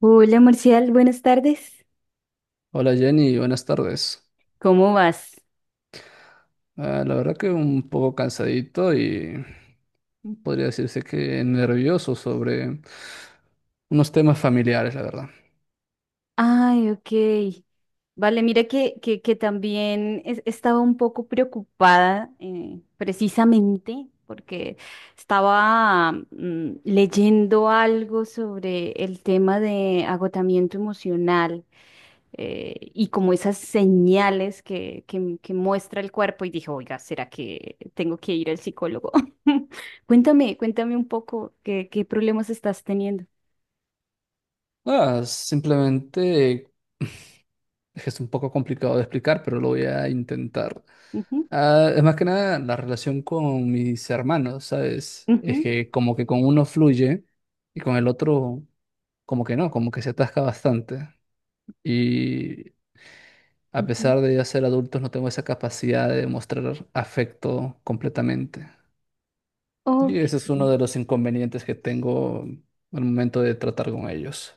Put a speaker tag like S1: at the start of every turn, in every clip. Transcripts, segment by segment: S1: Hola Marcial, buenas tardes.
S2: Hola Jenny, buenas tardes.
S1: ¿Cómo vas?
S2: La verdad que un poco cansadito y podría decirse que nervioso sobre unos temas familiares, la verdad.
S1: Ay, ok. Vale, mira que también estaba un poco preocupada, precisamente porque estaba, leyendo algo sobre el tema de agotamiento emocional, y como esas señales que muestra el cuerpo, y dije, oiga, ¿será que tengo que ir al psicólogo? Cuéntame, cuéntame un poco qué, qué problemas estás teniendo.
S2: Simplemente es que es un poco complicado de explicar, pero lo voy a intentar.
S1: Ujú,
S2: Es más que nada la relación con mis hermanos, ¿sabes? Es
S1: ujú,
S2: que como que con uno fluye y con el otro como que no, como que se atasca bastante. Y a
S1: ujú.
S2: pesar de ya ser adultos, no tengo esa capacidad de mostrar afecto completamente. Y
S1: Ok,
S2: ese es uno de los inconvenientes que tengo al momento de tratar con ellos.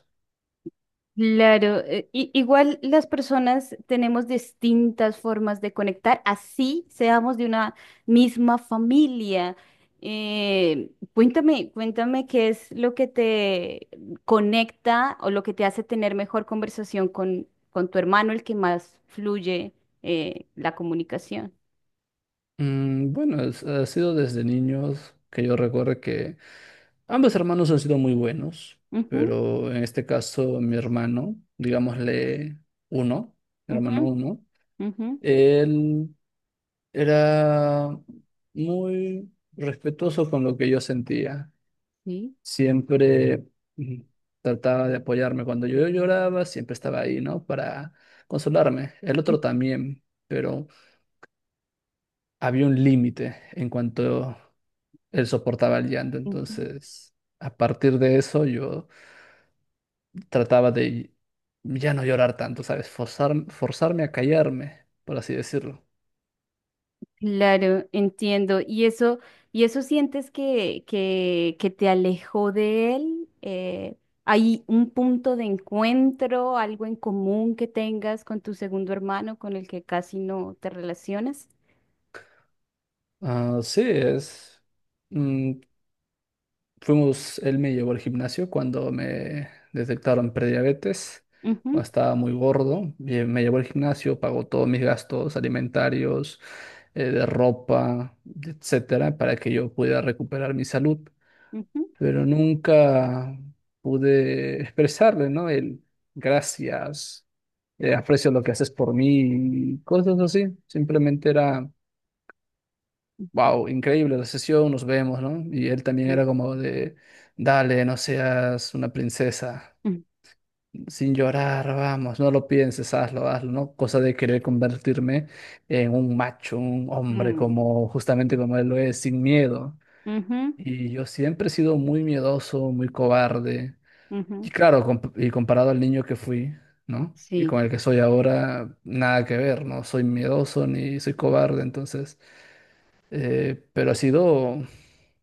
S1: claro. Igual las personas tenemos distintas formas de conectar, así seamos de una misma familia. Cuéntame, cuéntame qué es lo que te conecta o lo que te hace tener mejor conversación con tu hermano, el que más fluye, la comunicación.
S2: Bueno, ha sido desde niños que yo recuerdo que ambos hermanos han sido muy buenos,
S1: Ujú,
S2: pero en este caso mi hermano, digámosle uno, mi hermano
S1: ujú,
S2: uno,
S1: ujú,
S2: él era muy respetuoso con lo que yo sentía.
S1: sí.
S2: Siempre mm, trataba de apoyarme. Cuando yo lloraba, siempre estaba ahí, ¿no? Para consolarme. El otro también, pero había un límite en cuanto él soportaba el llanto.
S1: Ujú.
S2: Entonces, a partir de eso, yo trataba de ya no llorar tanto, ¿sabes? Forzarme a callarme, por así decirlo.
S1: Claro, entiendo. Y eso sientes que te alejó de él? ¿Hay un punto de encuentro, algo en común que tengas con tu segundo hermano con el que casi no te relacionas?
S2: Ah, sí, es... mm, fuimos, él me llevó al gimnasio cuando me detectaron prediabetes. Cuando
S1: Ujú,
S2: estaba muy gordo. Me llevó al gimnasio, pagó todos mis gastos alimentarios, de ropa, etcétera, para que yo pudiera recuperar mi salud.
S1: ujú.
S2: Pero nunca pude expresarle, ¿no? El gracias, aprecio lo que haces por mí, y cosas así. Simplemente era wow, increíble la sesión, nos vemos, ¿no? Y él también
S1: Sí.
S2: era como de, dale, no seas una princesa,
S1: Mm,
S2: sin llorar, vamos, no lo pienses, hazlo, hazlo, ¿no? Cosa de querer convertirme en un macho, un hombre
S1: mm,
S2: como, justamente como él lo es, sin miedo.
S1: ujú,
S2: Y yo siempre he sido muy miedoso, muy cobarde. Y
S1: ujú.
S2: claro, y comparado al niño que fui, ¿no? Y
S1: Sí.
S2: con el que soy ahora, nada que ver, no soy miedoso ni soy cobarde, entonces... Pero ha sido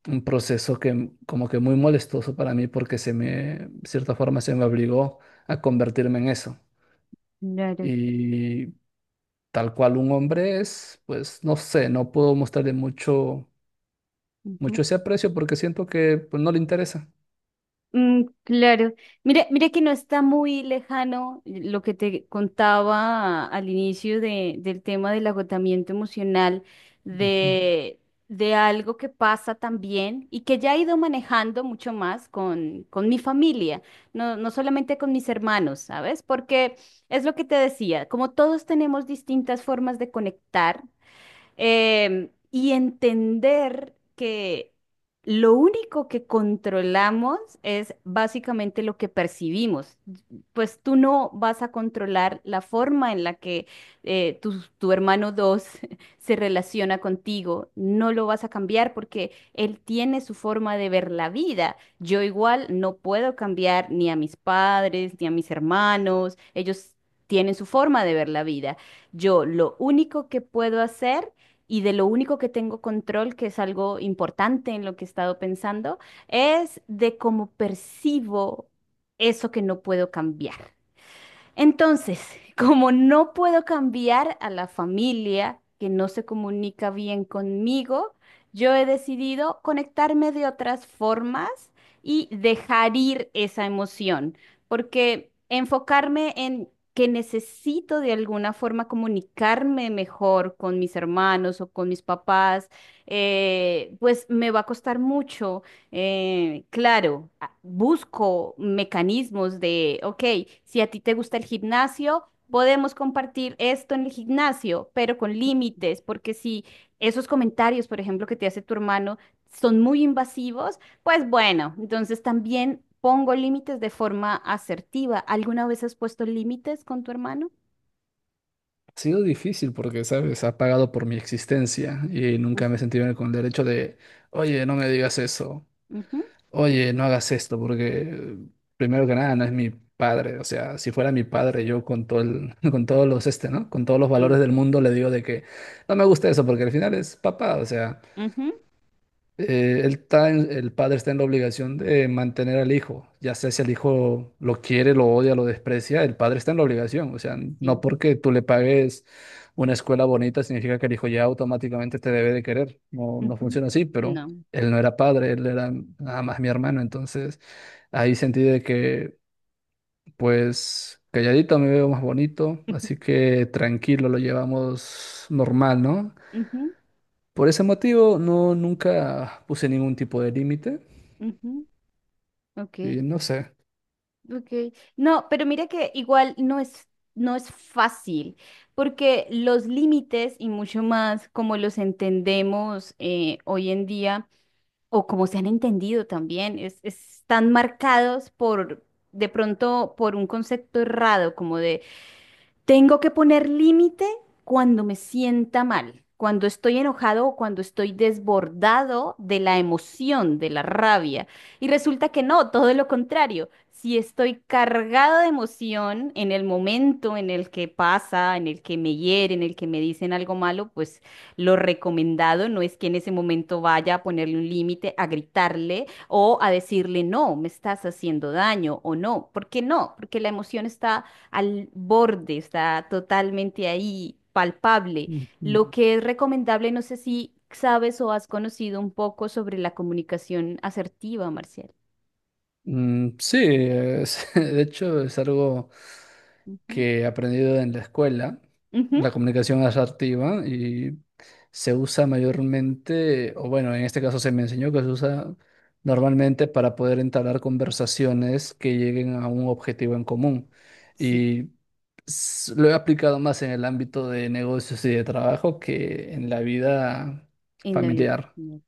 S2: un proceso que como que muy molestoso para mí porque se me, de cierta forma, se me obligó a convertirme en eso.
S1: Claro.
S2: Y tal cual un hombre es, pues no sé, no puedo mostrarle mucho, mucho ese aprecio porque siento que pues, no le interesa.
S1: Mm, claro. Mira, mira que no está muy lejano lo que te contaba al inicio del tema del agotamiento emocional,
S2: Ujú.
S1: de, de algo que pasa también y que ya he ido manejando mucho más con mi familia, no, no solamente con mis hermanos, ¿sabes? Porque es lo que te decía, como todos tenemos distintas formas de conectar. Y entender que lo único que controlamos es básicamente lo que percibimos. Pues tú no vas a controlar la forma en la que eh, tu, tu hermano 2 se relaciona contigo. No lo vas a cambiar porque él tiene su forma de ver la vida. Yo igual no puedo cambiar ni a mis padres, ni a mis hermanos. Ellos tienen su forma de ver la vida. Yo lo único que puedo hacer y de lo único que tengo control, que es algo importante en lo que he estado pensando, es de cómo percibo eso que no puedo cambiar. Entonces, como no puedo cambiar a la familia que no se comunica bien conmigo, yo he decidido conectarme de otras formas y dejar ir esa emoción, porque enfocarme en que necesito de alguna forma comunicarme mejor con mis hermanos o con mis papás, pues me va a costar mucho. Claro, busco mecanismos de, ok, si a ti te gusta el gimnasio, podemos compartir esto en el gimnasio, pero con límites, porque si esos comentarios, por ejemplo, que te hace tu hermano, son muy invasivos, pues bueno, entonces también pongo límites de forma asertiva. ¿Alguna vez has puesto límites con tu hermano?
S2: Ha sido difícil porque, ¿sabes? Ha pagado por mi existencia y
S1: Mm,
S2: nunca me he sentido con el derecho de, oye, no me digas eso.
S1: ujú,
S2: Oye, no hagas esto porque primero que nada no es mi padre, o sea, si fuera mi padre yo con todo con todos los este, ¿no? Con todos los
S1: sí.
S2: valores del mundo le digo de que no me gusta eso porque al final es papá, o sea,
S1: Ujú,
S2: él está el padre está en la obligación de mantener al hijo, ya sea si el hijo lo quiere, lo odia, lo desprecia, el padre está en la obligación. O sea, no
S1: sí.
S2: porque tú le pagues una escuela bonita significa que el hijo ya automáticamente te debe de querer. No, no
S1: Ujú,
S2: funciona así, pero
S1: no.
S2: él no era padre, él era nada más mi hermano. Entonces, ahí sentí de que, pues, calladito me veo más bonito, así que tranquilo, lo llevamos normal, ¿no?
S1: Ujú,
S2: Por ese motivo, no, nunca puse ningún tipo de límite.
S1: ujú, ok.
S2: Sí, no sé.
S1: Okay. No, pero mira que igual no es, no es fácil, porque los límites, y mucho más como los entendemos, hoy en día, o como se han entendido también, es, están marcados por, de pronto, por un concepto errado, como tengo que poner límite cuando me sienta mal, cuando estoy enojado o cuando estoy desbordado de la emoción, de la rabia. Y resulta que no, todo lo contrario. Si estoy cargado de emoción en el momento en el que pasa, en el que me hieren, en el que me dicen algo malo, pues lo recomendado no es que en ese momento vaya a ponerle un límite, a gritarle o a decirle, no, me estás haciendo daño o no. ¿Por qué no? Porque la emoción está al borde, está totalmente ahí, palpable.
S2: Mm, mm,
S1: Lo que es recomendable, no sé si sabes o has conocido un poco sobre la comunicación asertiva, Marcial.
S2: sí, de hecho es algo
S1: Ujú.
S2: que he aprendido en la escuela,
S1: Ujú.
S2: la comunicación asertiva, y se usa mayormente, o bueno, en este caso se me enseñó que se usa normalmente para poder entablar conversaciones que lleguen a un objetivo en común.
S1: Sí,
S2: Y lo he aplicado más en el ámbito de negocios y de trabajo que en la vida
S1: en la vida
S2: familiar.
S1: personal.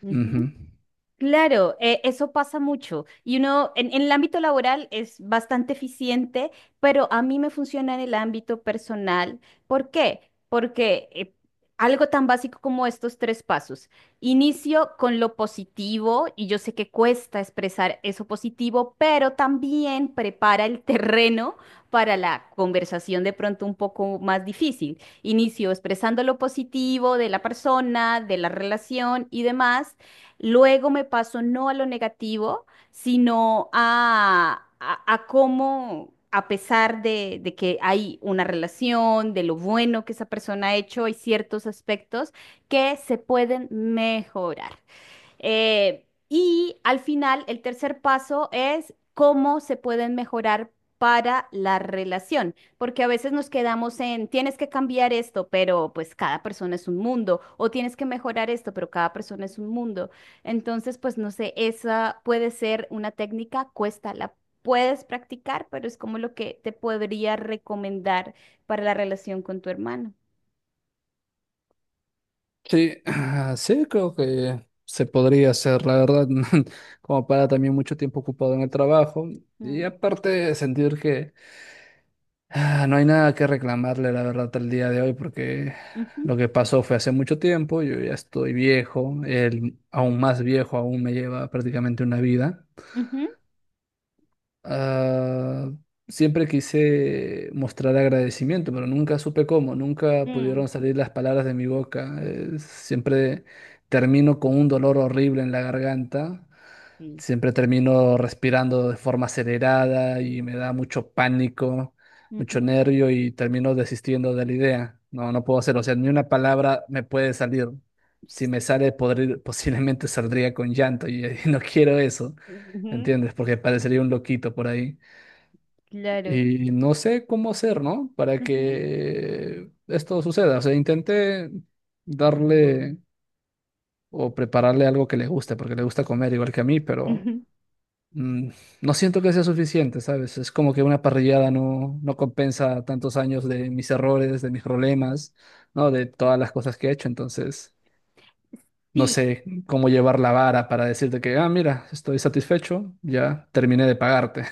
S1: Ujú.
S2: Ujú.
S1: Claro, eso pasa mucho. Y uno, en el ámbito laboral es bastante eficiente, pero a mí me funciona en el ámbito personal. ¿Por qué? Porque algo tan básico como estos tres pasos. Inicio con lo positivo, y yo sé que cuesta expresar eso positivo, pero también prepara el terreno para la conversación de pronto un poco más difícil. Inicio expresando lo positivo de la persona, de la relación y demás. Luego me paso no a lo negativo, sino a cómo, a pesar de que hay una relación, de lo bueno que esa persona ha hecho, hay ciertos aspectos que se pueden mejorar. Y al final, el tercer paso es cómo se pueden mejorar para la relación, porque a veces nos quedamos en, tienes que cambiar esto, pero pues cada persona es un mundo, o tienes que mejorar esto, pero cada persona es un mundo. Entonces, pues no sé, esa puede ser una técnica, cuesta, la puedes practicar, pero es como lo que te podría recomendar para la relación con tu hermano.
S2: Sí, sí, creo que se podría hacer, la verdad, como para también mucho tiempo ocupado en el trabajo y
S1: Mm,
S2: aparte sentir que no hay nada que reclamarle, la verdad, el día de hoy, porque
S1: ujú,
S2: lo que pasó fue hace mucho tiempo, yo ya estoy viejo, él aún más viejo, aún me lleva prácticamente una vida.
S1: ujú,
S2: Ah, Siempre quise mostrar agradecimiento, pero nunca supe cómo, nunca
S1: mm,
S2: pudieron salir las palabras de mi boca. Siempre termino con un dolor horrible en la garganta,
S1: sí,
S2: siempre termino respirando de forma acelerada y me da mucho pánico, mucho
S1: ujú.
S2: nervio y termino desistiendo de la idea. No, no puedo hacerlo, o sea, ni una palabra me puede salir. Si me sale, posiblemente saldría con llanto y y no quiero eso.
S1: Ujú,
S2: ¿Entiendes? Porque parecería un loquito por ahí.
S1: claro.
S2: Y no sé cómo hacer, ¿no? Para
S1: Ujú,
S2: que esto suceda. O sea, intenté darle o prepararle algo que le guste, porque le gusta comer igual que a mí, pero
S1: ujú.
S2: mm, no siento que sea suficiente, ¿sabes? Es como que una parrillada no, no compensa tantos años de mis errores, de mis problemas, ¿no? De todas las cosas que he hecho. Entonces, no
S1: Sí,
S2: sé cómo llevar la vara para decirte que, ah, mira, estoy satisfecho, ya terminé de pagarte.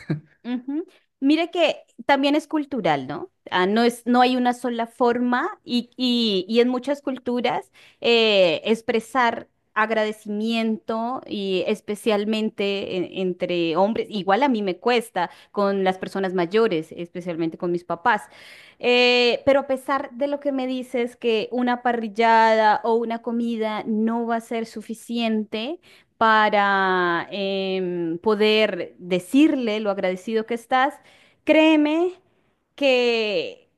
S1: ujú. Mira que también es cultural, ¿no? Ah, no es, no hay una sola forma y, y en muchas culturas, expresar agradecimiento, y especialmente entre hombres, igual a mí me cuesta con las personas mayores, especialmente con mis papás. Pero a pesar de lo que me dices que una parrillada o una comida no va a ser suficiente, para, poder decirle lo agradecido que estás, créeme que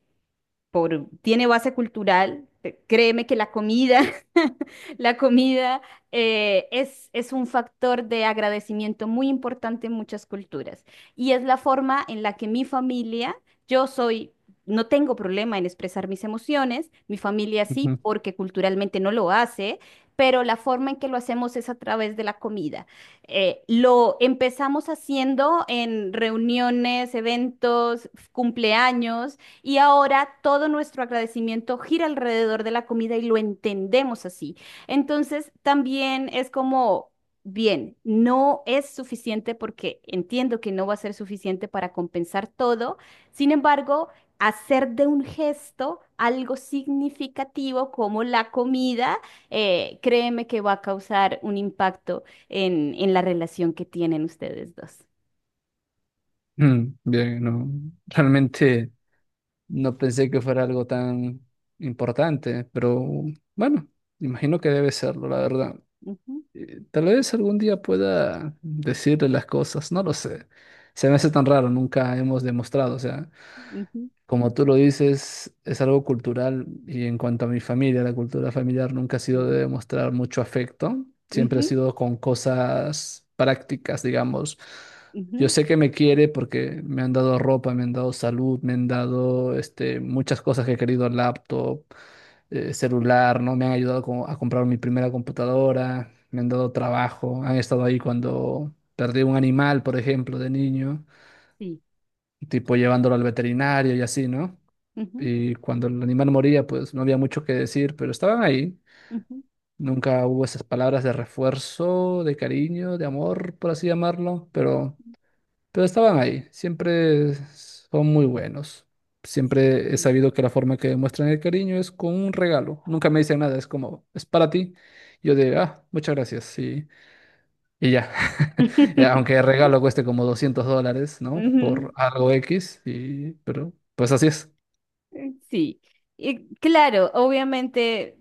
S1: por, tiene base cultural. Créeme que la comida, la comida, es un factor de agradecimiento muy importante en muchas culturas. Y es la forma en la que mi familia, yo soy, no tengo problema en expresar mis emociones, mi familia sí, porque culturalmente no lo hace. Pero la forma en que lo hacemos es a través de la comida. Lo empezamos haciendo en reuniones, eventos, cumpleaños, y ahora todo nuestro agradecimiento gira alrededor de la comida y lo entendemos así. Entonces, también es como, bien, no es suficiente porque entiendo que no va a ser suficiente para compensar todo. Sin embargo, hacer de un gesto algo significativo como la comida, créeme que va a causar un impacto en la relación que tienen ustedes dos.
S2: Bien, no, realmente no pensé que fuera algo tan importante, pero bueno, imagino que debe serlo, la verdad.
S1: Ujú,
S2: Tal vez algún día pueda decirle las cosas, no lo sé. Se me hace tan raro, nunca hemos demostrado, o sea,
S1: ujú,
S2: como tú lo dices, es algo cultural y en cuanto a mi familia, la cultura familiar nunca ha sido de
S1: sí.
S2: demostrar mucho afecto, siempre ha
S1: Ujú,
S2: sido con cosas prácticas, digamos. Yo
S1: ujú,
S2: sé que me quiere porque me han dado ropa, me han dado salud, me han dado este, muchas cosas que he querido, laptop, celular, ¿no? Me han ayudado a comprar mi primera computadora, me han dado trabajo, han estado ahí cuando perdí un animal, por ejemplo, de niño,
S1: sí.
S2: tipo llevándolo al veterinario y así, ¿no?
S1: Ujú.
S2: Y cuando el animal moría, pues no había mucho que decir, pero estaban ahí.
S1: Ujú.
S2: Nunca hubo esas palabras de refuerzo, de cariño, de amor, por así llamarlo, pero estaban ahí. Siempre son muy buenos. Siempre he sabido que la forma que demuestran el cariño es con un regalo. Nunca me dicen nada, es como, es para ti. Yo digo, ah, muchas gracias, y ya. Aunque el regalo cueste como $200, ¿no? Por
S1: Ujú.
S2: algo X, y, pero pues así es.
S1: Sí, y claro, obviamente,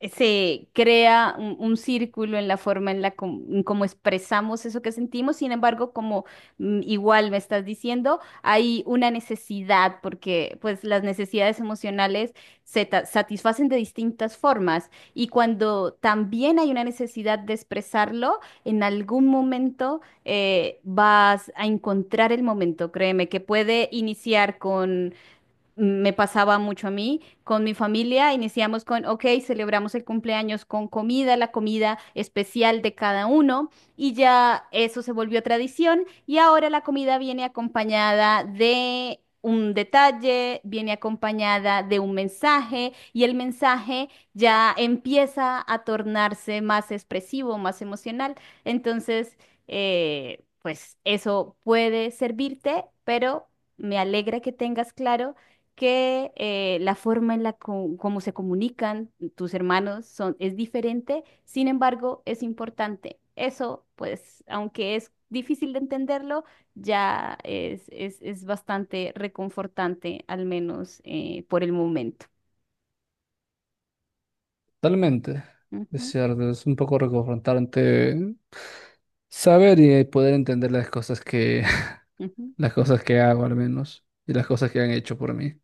S1: se crea un círculo en la forma en cómo expresamos eso que sentimos, sin embargo, como, igual me estás diciendo, hay una necesidad, porque pues las necesidades emocionales satisfacen de distintas formas, y cuando también hay una necesidad de expresarlo, en algún momento, vas a encontrar el momento, créeme, que puede iniciar con, me pasaba mucho a mí, con mi familia iniciamos con, ok, celebramos el cumpleaños con comida, la comida especial de cada uno, y ya eso se volvió tradición, y ahora la comida viene acompañada de... Un detalle viene acompañada de un mensaje, y el mensaje ya empieza a tornarse más expresivo, más emocional. Entonces, pues eso puede servirte, pero me alegra que tengas claro que, la forma como se comunican tus hermanos son, es diferente, sin embargo, es importante. Eso, pues, aunque es difícil de entenderlo, ya es bastante reconfortante, al menos, por el momento.
S2: Totalmente, es
S1: Ujú,
S2: cierto, es un poco reconfrontante saber y poder entender las cosas que,
S1: ujú.
S2: las cosas que hago al menos, y las cosas que han hecho por mí,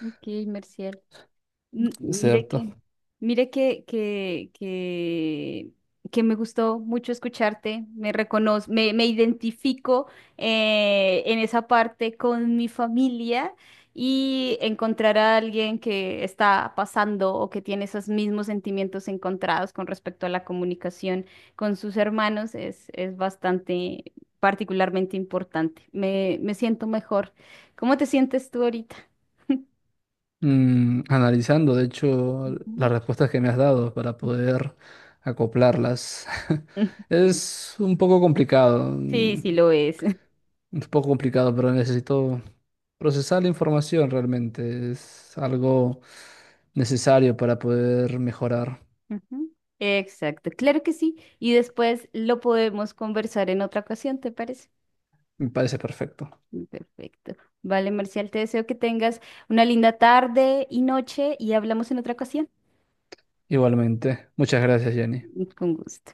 S1: Ok, Merciel.
S2: es
S1: Mire
S2: cierto.
S1: que, mire que, que, que, que me gustó mucho escucharte, me reconozco, me identifico, en esa parte con mi familia, y encontrar a alguien que está pasando o que tiene esos mismos sentimientos encontrados con respecto a la comunicación con sus hermanos es bastante, particularmente importante. Me siento mejor. ¿Cómo te sientes tú ahorita?
S2: Analizando, de hecho, las
S1: Ujú.
S2: respuestas que me has dado para poder acoplarlas, es un poco complicado,
S1: Sí, sí lo es.
S2: un poco complicado, pero necesito procesar la información realmente, es algo necesario para poder mejorar,
S1: Ujú. Exacto, claro que sí. Y después lo podemos conversar en otra ocasión, ¿te parece?
S2: me parece perfecto.
S1: Perfecto. Vale, Marcial, te deseo que tengas una linda tarde y noche y hablamos en otra ocasión.
S2: Igualmente. Muchas gracias, Jenny.
S1: Con gusto.